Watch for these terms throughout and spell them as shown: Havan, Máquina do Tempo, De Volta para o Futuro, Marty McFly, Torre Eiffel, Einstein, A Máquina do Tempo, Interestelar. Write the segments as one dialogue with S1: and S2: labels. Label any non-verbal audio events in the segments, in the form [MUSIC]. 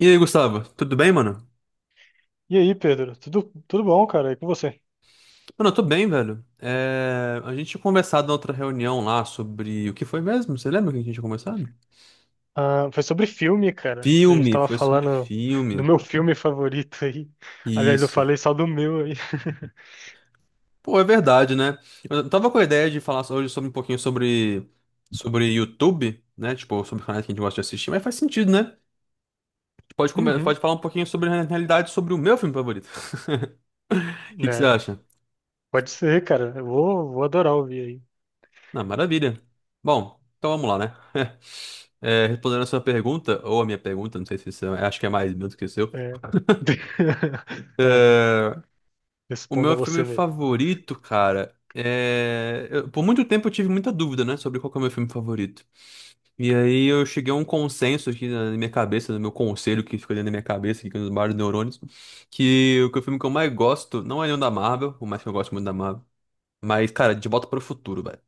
S1: E aí, Gustavo, tudo bem, mano?
S2: E aí, Pedro? Tudo, tudo bom, cara? E com você?
S1: Mano, eu tô bem, velho. A gente tinha conversado na outra reunião lá sobre o que foi mesmo? Você lembra o que a gente tinha conversado?
S2: Ah, foi sobre filme, cara. A gente
S1: Filme,
S2: tava
S1: foi sobre
S2: falando do
S1: filme.
S2: meu filme favorito aí. Aliás, eu
S1: Isso.
S2: falei só do meu aí.
S1: Pô, é verdade, né? Eu tava com a ideia de falar hoje sobre um pouquinho sobre YouTube, né? Tipo, sobre canais que a gente gosta de assistir, mas faz sentido, né? Pode, come-
S2: Uhum,
S1: pode falar um pouquinho sobre, na realidade, sobre o meu filme favorito. [LAUGHS]
S2: [LAUGHS]
S1: O que que você
S2: né?
S1: acha?
S2: Pode ser, cara. Eu vou adorar ouvir
S1: Ah, maravilha. Bom, então vamos lá, né? [LAUGHS] Respondendo a sua pergunta, ou a minha pergunta, não sei se isso é, acho que é mais meu do que o seu.
S2: aí. É. [LAUGHS] É,
S1: É, o
S2: responda
S1: meu filme
S2: você mesmo.
S1: favorito, cara, por muito tempo eu tive muita dúvida, né, sobre qual que é o meu filme favorito. E aí eu cheguei a um consenso aqui na minha cabeça, no meu conselho que ficou dentro da minha cabeça, aqui com os vários neurônios, que o filme que eu mais gosto não é nenhum da Marvel, por mais que eu goste muito da Marvel, mas, cara, De Volta para o Futuro, velho.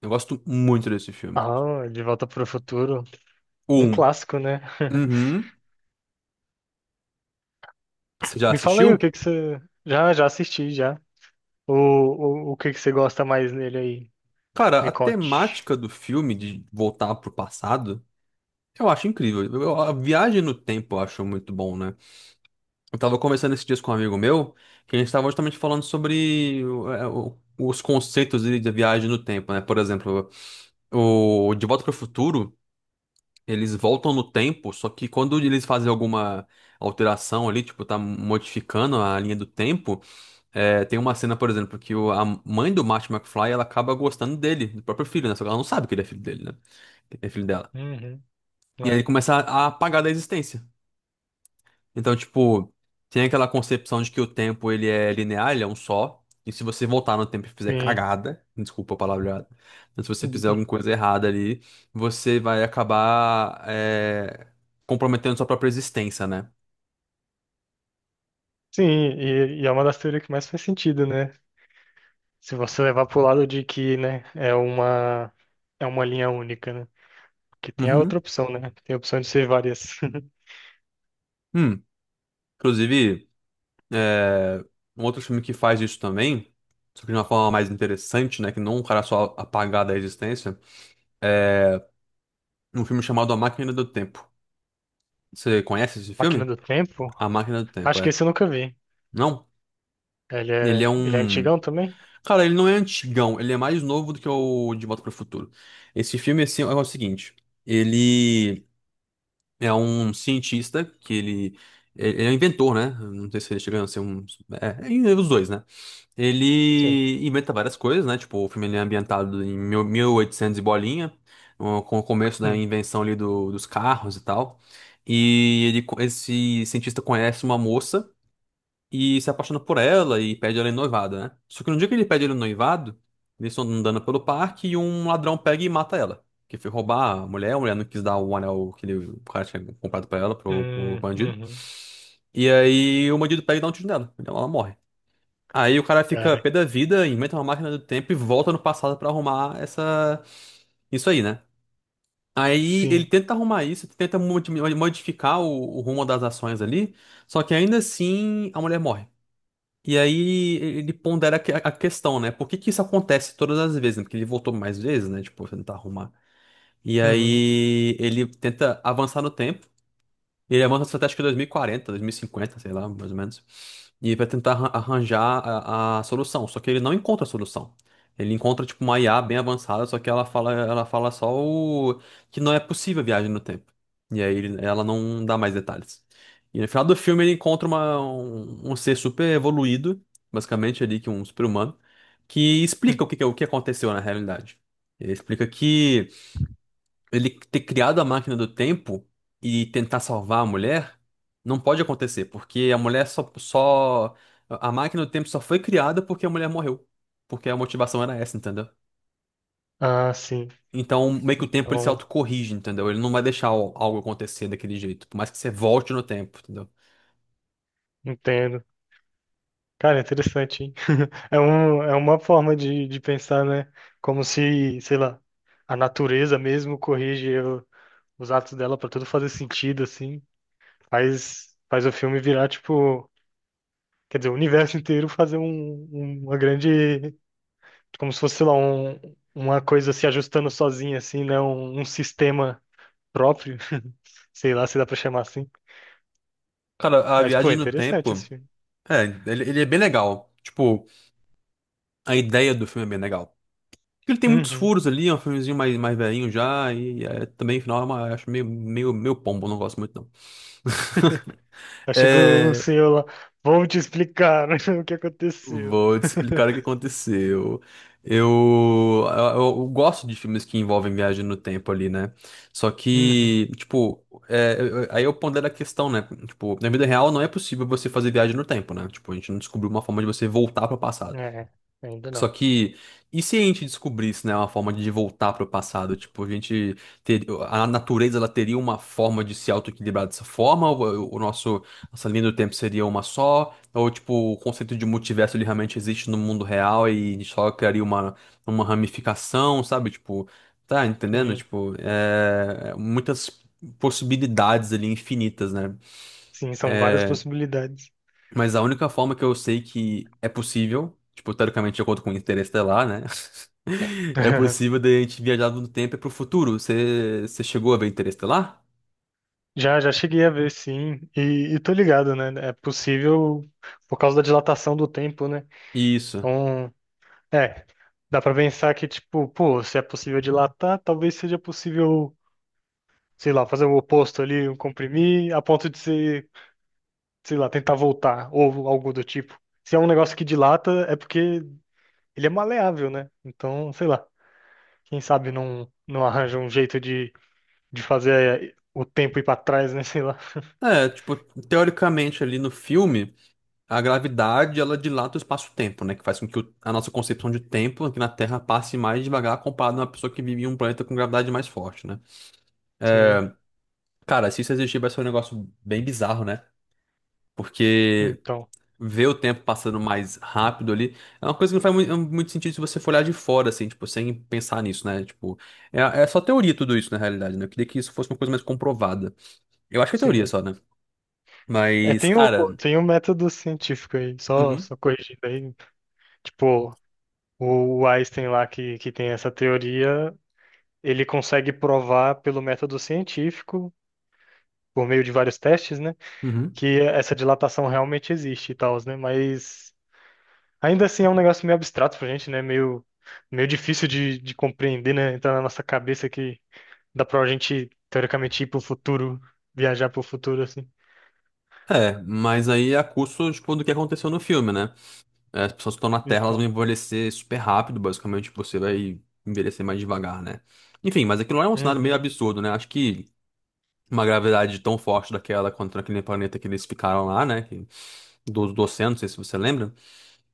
S1: Eu gosto muito desse filme.
S2: Ah, De Volta para o Futuro.
S1: O
S2: Um
S1: Um.
S2: clássico, né? [LAUGHS]
S1: Uhum. Você já
S2: Me fala aí o
S1: assistiu?
S2: que que você. Já assisti, já. O que que você gosta mais nele aí?
S1: Cara,
S2: Me
S1: a
S2: conte.
S1: temática do filme de voltar pro passado, eu acho incrível. A viagem no tempo eu acho muito bom, né? Eu tava conversando esses dias com um amigo meu, que a gente tava justamente falando sobre os conceitos de viagem no tempo, né? Por exemplo, o De Volta para o Futuro, eles voltam no tempo, só que quando eles fazem alguma alteração ali, tipo, tá modificando a linha do tempo. Tem uma cena, por exemplo, que a mãe do Marty McFly, ela acaba gostando dele, do próprio filho, né? Só que ela não sabe que ele é filho dele, né? É filho dela.
S2: Uhum,
S1: E aí ele
S2: é,
S1: começa a apagar da existência. Então, tipo, tem aquela concepção de que o tempo, ele é linear, ele é um só. E se você voltar no tempo e fizer
S2: sim.
S1: cagada, desculpa a palavra, mas se você fizer
S2: [LAUGHS]
S1: alguma coisa errada ali, você vai acabar, comprometendo sua própria existência, né?
S2: Sim, e é uma das teorias que mais faz sentido, né? Se você levar pro lado de que, né, é uma linha única, né? Que tem a outra
S1: Uhum.
S2: opção, né? Tem a opção de ser várias. [LAUGHS]
S1: Hum, inclusive, um outro filme que faz isso também, só que de uma forma mais interessante, né? Que não um cara só apagar da existência, é um filme chamado A Máquina do Tempo. Você conhece esse
S2: Máquina
S1: filme?
S2: do Tempo?
S1: A Máquina do Tempo,
S2: Acho que
S1: é.
S2: esse eu nunca vi.
S1: Não? Ele é
S2: Ele é
S1: um.
S2: antigão também?
S1: Cara, ele não é antigão, ele é mais novo do que o De Volta para o Futuro. Esse filme, assim, é o seguinte: ele é um cientista que ele. Ele é um inventor, né? Não sei se ele chega a ser um. É, é os dois, né?
S2: Sim.
S1: Ele inventa várias coisas, né? Tipo, o filme ele é ambientado em 1800 e bolinha, com o começo da
S2: Hum.
S1: invenção ali dos carros e tal. E esse cientista conhece uma moça e se apaixona por ela e pede ela em noivado, né? Só que no dia que ele pede ela em noivado, eles estão andando pelo parque e um ladrão pega e mata ela. Que foi roubar a mulher não quis dar o anel que o cara tinha comprado pra ela, pro bandido.
S2: Uhum.
S1: E aí o bandido pega e dá um tiro nela. Então ela morre. Aí o cara fica
S2: Cara,
S1: pé da vida, inventa uma máquina do tempo e volta no passado pra arrumar essa isso aí, né? Aí ele
S2: sim.
S1: tenta arrumar isso, tenta modificar o rumo das ações ali, só que ainda assim a mulher morre. E aí ele pondera a questão, né? Por que que isso acontece todas as vezes, né? Porque ele voltou mais vezes, né? Tipo, tentar arrumar. E
S2: Uhum.
S1: aí ele tenta avançar no tempo. Ele é uma estratégia de 2040, 2050, sei lá, mais ou menos. E vai tentar arranjar a solução. Só que ele não encontra a solução. Ele encontra, tipo, uma IA bem avançada, só que ela fala só que não é possível a viagem no tempo. E aí ela não dá mais detalhes. E no final do filme ele encontra um ser super evoluído, basicamente ali, que é um super-humano, que
S2: Hum.
S1: explica o que aconteceu na realidade. Ele explica que ele ter criado a máquina do tempo e tentar salvar a mulher não pode acontecer, porque a mulher só. A máquina do tempo só foi criada porque a mulher morreu. Porque a motivação era essa, entendeu?
S2: Ah, sim.
S1: Então, meio que o tempo ele se
S2: Então,
S1: autocorrige, entendeu? Ele não vai deixar algo acontecer daquele jeito, por mais que você volte no tempo, entendeu?
S2: entendo. Cara, interessante, hein? [LAUGHS] É um, é uma forma de pensar, né? Como se, sei lá, a natureza mesmo corrige o- os atos dela pra tudo fazer sentido, assim. Faz, faz o filme virar, tipo, quer dizer, o universo [LAUGHS] inteiro fazer um, um- uma grande, como se fosse, sei lá, um, uma coisa se ajustando sozinha, assim, né? Um sistema próprio, [LAUGHS] sei lá se dá pra chamar assim.
S1: Cara, a
S2: Mas, pô, é
S1: viagem no
S2: interessante esse
S1: tempo,
S2: filme.
S1: ele é bem legal. Tipo, a ideia do filme é bem legal. Ele tem muitos
S2: Uhum.
S1: furos ali, é um filmezinho mais velhinho já, e é, também, no final, eu acho meio, meio, meio pombo, não gosto muito não. [LAUGHS]
S2: [LAUGHS] Aí chega o
S1: É,
S2: senhor lá, vou te explicar [LAUGHS] o que aconteceu.
S1: vou te explicar o que
S2: [LAUGHS]
S1: aconteceu. Eu gosto de filmes que envolvem viagem no tempo ali, né? Só
S2: Uhum.
S1: que, tipo, aí eu pondero a questão, né? Tipo, na vida real não é possível você fazer viagem no tempo, né? Tipo, a gente não descobriu uma forma de você voltar para o passado.
S2: É, ainda
S1: Só
S2: não.
S1: que, e se a gente descobrisse, né, uma forma de voltar para o passado? Tipo, a natureza ela teria uma forma de se autoequilibrar dessa forma? Nossa linha do tempo seria uma só? Ou, tipo, o conceito de multiverso ele realmente existe no mundo real e a gente só criaria uma ramificação, sabe? Tipo, tá entendendo?
S2: Sim,
S1: Tipo, muitas possibilidades ali infinitas, né?
S2: sim, são várias possibilidades.
S1: Mas a única forma que eu sei que é possível, tipo, teoricamente, de acordo com o Interestelar, né? [LAUGHS] É
S2: [LAUGHS]
S1: possível de a gente viajar no tempo e pro futuro. Você chegou a ver Interestelar?
S2: Já cheguei a ver, sim, e tô ligado, né? É possível por causa da dilatação do tempo, né?
S1: Isso.
S2: Então, é, dá pra pensar que, tipo, pô, se é possível dilatar, talvez seja possível, sei lá, fazer o oposto ali, um comprimir, a ponto de ser, sei lá, tentar voltar, ou algo do tipo. Se é um negócio que dilata, é porque ele é maleável, né? Então, sei lá, quem sabe não, não arranja um jeito de fazer o tempo ir pra trás, né? [LAUGHS] Sei lá.
S1: É, tipo, teoricamente ali no filme, a gravidade ela dilata o espaço-tempo, né? Que faz com que a nossa concepção de tempo aqui na Terra passe mais devagar comparado a uma pessoa que vive em um planeta com gravidade mais forte, né?
S2: Sim,
S1: Cara, se isso existir, vai ser um negócio bem bizarro, né? Porque.
S2: então,
S1: Ver o tempo passando mais rápido ali, é uma coisa que não faz muito, muito sentido se você for olhar de fora, assim, tipo, sem pensar nisso, né? Tipo, é só teoria tudo isso, na realidade, né? Eu queria que isso fosse uma coisa mais comprovada. Eu acho que é teoria
S2: sim.
S1: só, né?
S2: É,
S1: Mas,
S2: tem
S1: cara.
S2: tem o método científico aí, só,
S1: Uhum,
S2: só corrigindo aí. Tipo, o Einstein lá que tem essa teoria, ele consegue provar pelo método científico, por meio de vários testes, né?
S1: uhum.
S2: Que essa dilatação realmente existe e tal, né? Mas. Ainda assim é um negócio meio abstrato pra gente, né? Meio, meio difícil de compreender, né? Entrar na nossa cabeça que dá pra gente, teoricamente, ir pro futuro, viajar pro futuro, assim.
S1: É, mas aí é a custo, tipo, do que aconteceu no filme, né? É, as pessoas que estão na Terra, elas vão
S2: Então,
S1: envelhecer super rápido, basicamente, você vai envelhecer mais devagar, né? Enfim, mas aquilo lá é um cenário meio
S2: uhum,
S1: absurdo, né? Acho que uma gravidade tão forte daquela contra aquele planeta que eles ficaram lá, né? Do oceano, não sei se você lembra.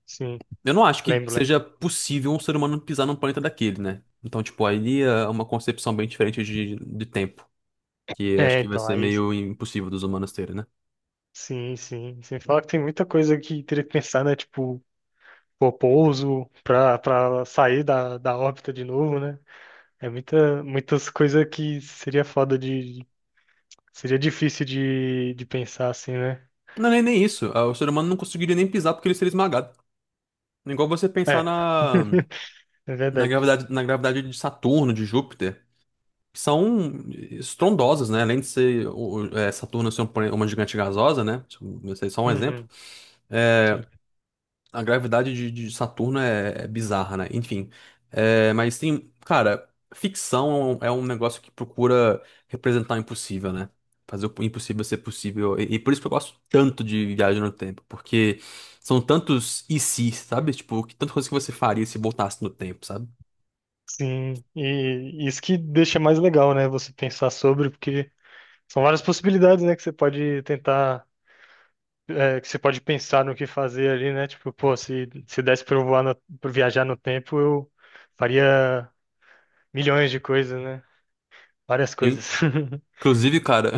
S2: sim,
S1: Eu não acho que
S2: lembro, lembro.
S1: seja possível um ser humano pisar num planeta daquele, né? Então, tipo, aí é uma concepção bem diferente de tempo, que acho
S2: É,
S1: que vai
S2: então,
S1: ser
S2: aí,
S1: meio impossível dos humanos terem, né?
S2: sim, sim. Você fala que tem muita coisa que teria que pensar, né? Tipo, pô, pouso pra, pra sair da, da órbita de novo, né? É muita, muitas coisas que seria foda de... Seria difícil de pensar, assim, né?
S1: Não, nem isso. Ah, o ser humano não conseguiria nem pisar porque ele seria esmagado. É igual você pensar
S2: É,
S1: na,
S2: é
S1: na
S2: verdade.
S1: gravidade, na gravidade, de Saturno, de Júpiter, que são estrondosas, né? Além de ser Saturno ser um uma gigante gasosa, né? Isso é só um exemplo.
S2: Uhum,
S1: é,
S2: sim.
S1: A gravidade de Saturno é bizarra, né? Enfim. É, mas tem. Cara, ficção é um negócio que procura representar o impossível, né? Fazer o impossível ser possível. E por isso que eu gosto tanto de Viagem no Tempo, porque são tantos e se, sabe? Tipo, que tanta coisa que você faria se voltasse no tempo, sabe?
S2: Sim, e isso que deixa mais legal, né? Você pensar sobre, porque são várias possibilidades, né? Que você pode tentar, é, que você pode pensar no que fazer ali, né? Tipo, pô, se desse pra eu voar no, pra viajar no tempo, eu faria milhões de coisas, né? Várias
S1: Sim.
S2: coisas. [LAUGHS]
S1: Inclusive, cara,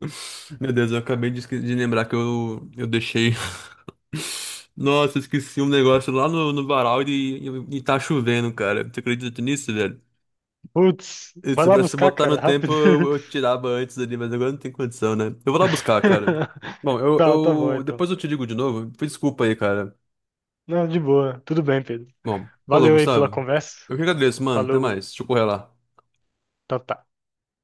S1: [LAUGHS] meu Deus, eu acabei de, de lembrar que eu deixei. [LAUGHS] Nossa, eu esqueci um negócio lá no varal e tá chovendo, cara. Você acredita nisso, velho?
S2: Putz,
S1: E
S2: vai
S1: se
S2: lá
S1: você
S2: buscar,
S1: botar no
S2: cara,
S1: tempo,
S2: rápido.
S1: eu tirava antes ali, mas agora não tem condição, né? Eu vou lá buscar, cara. Bom,
S2: [LAUGHS]
S1: eu,
S2: Tá, tá bom,
S1: eu
S2: então.
S1: depois eu te ligo de novo. Desculpa aí, cara.
S2: Não, de boa. Tudo bem, Pedro.
S1: Bom, falou,
S2: Valeu aí pela
S1: Gustavo.
S2: conversa.
S1: Eu que agradeço, mano. Até
S2: Falou.
S1: mais. Deixa eu correr lá.
S2: Tchau, tchau.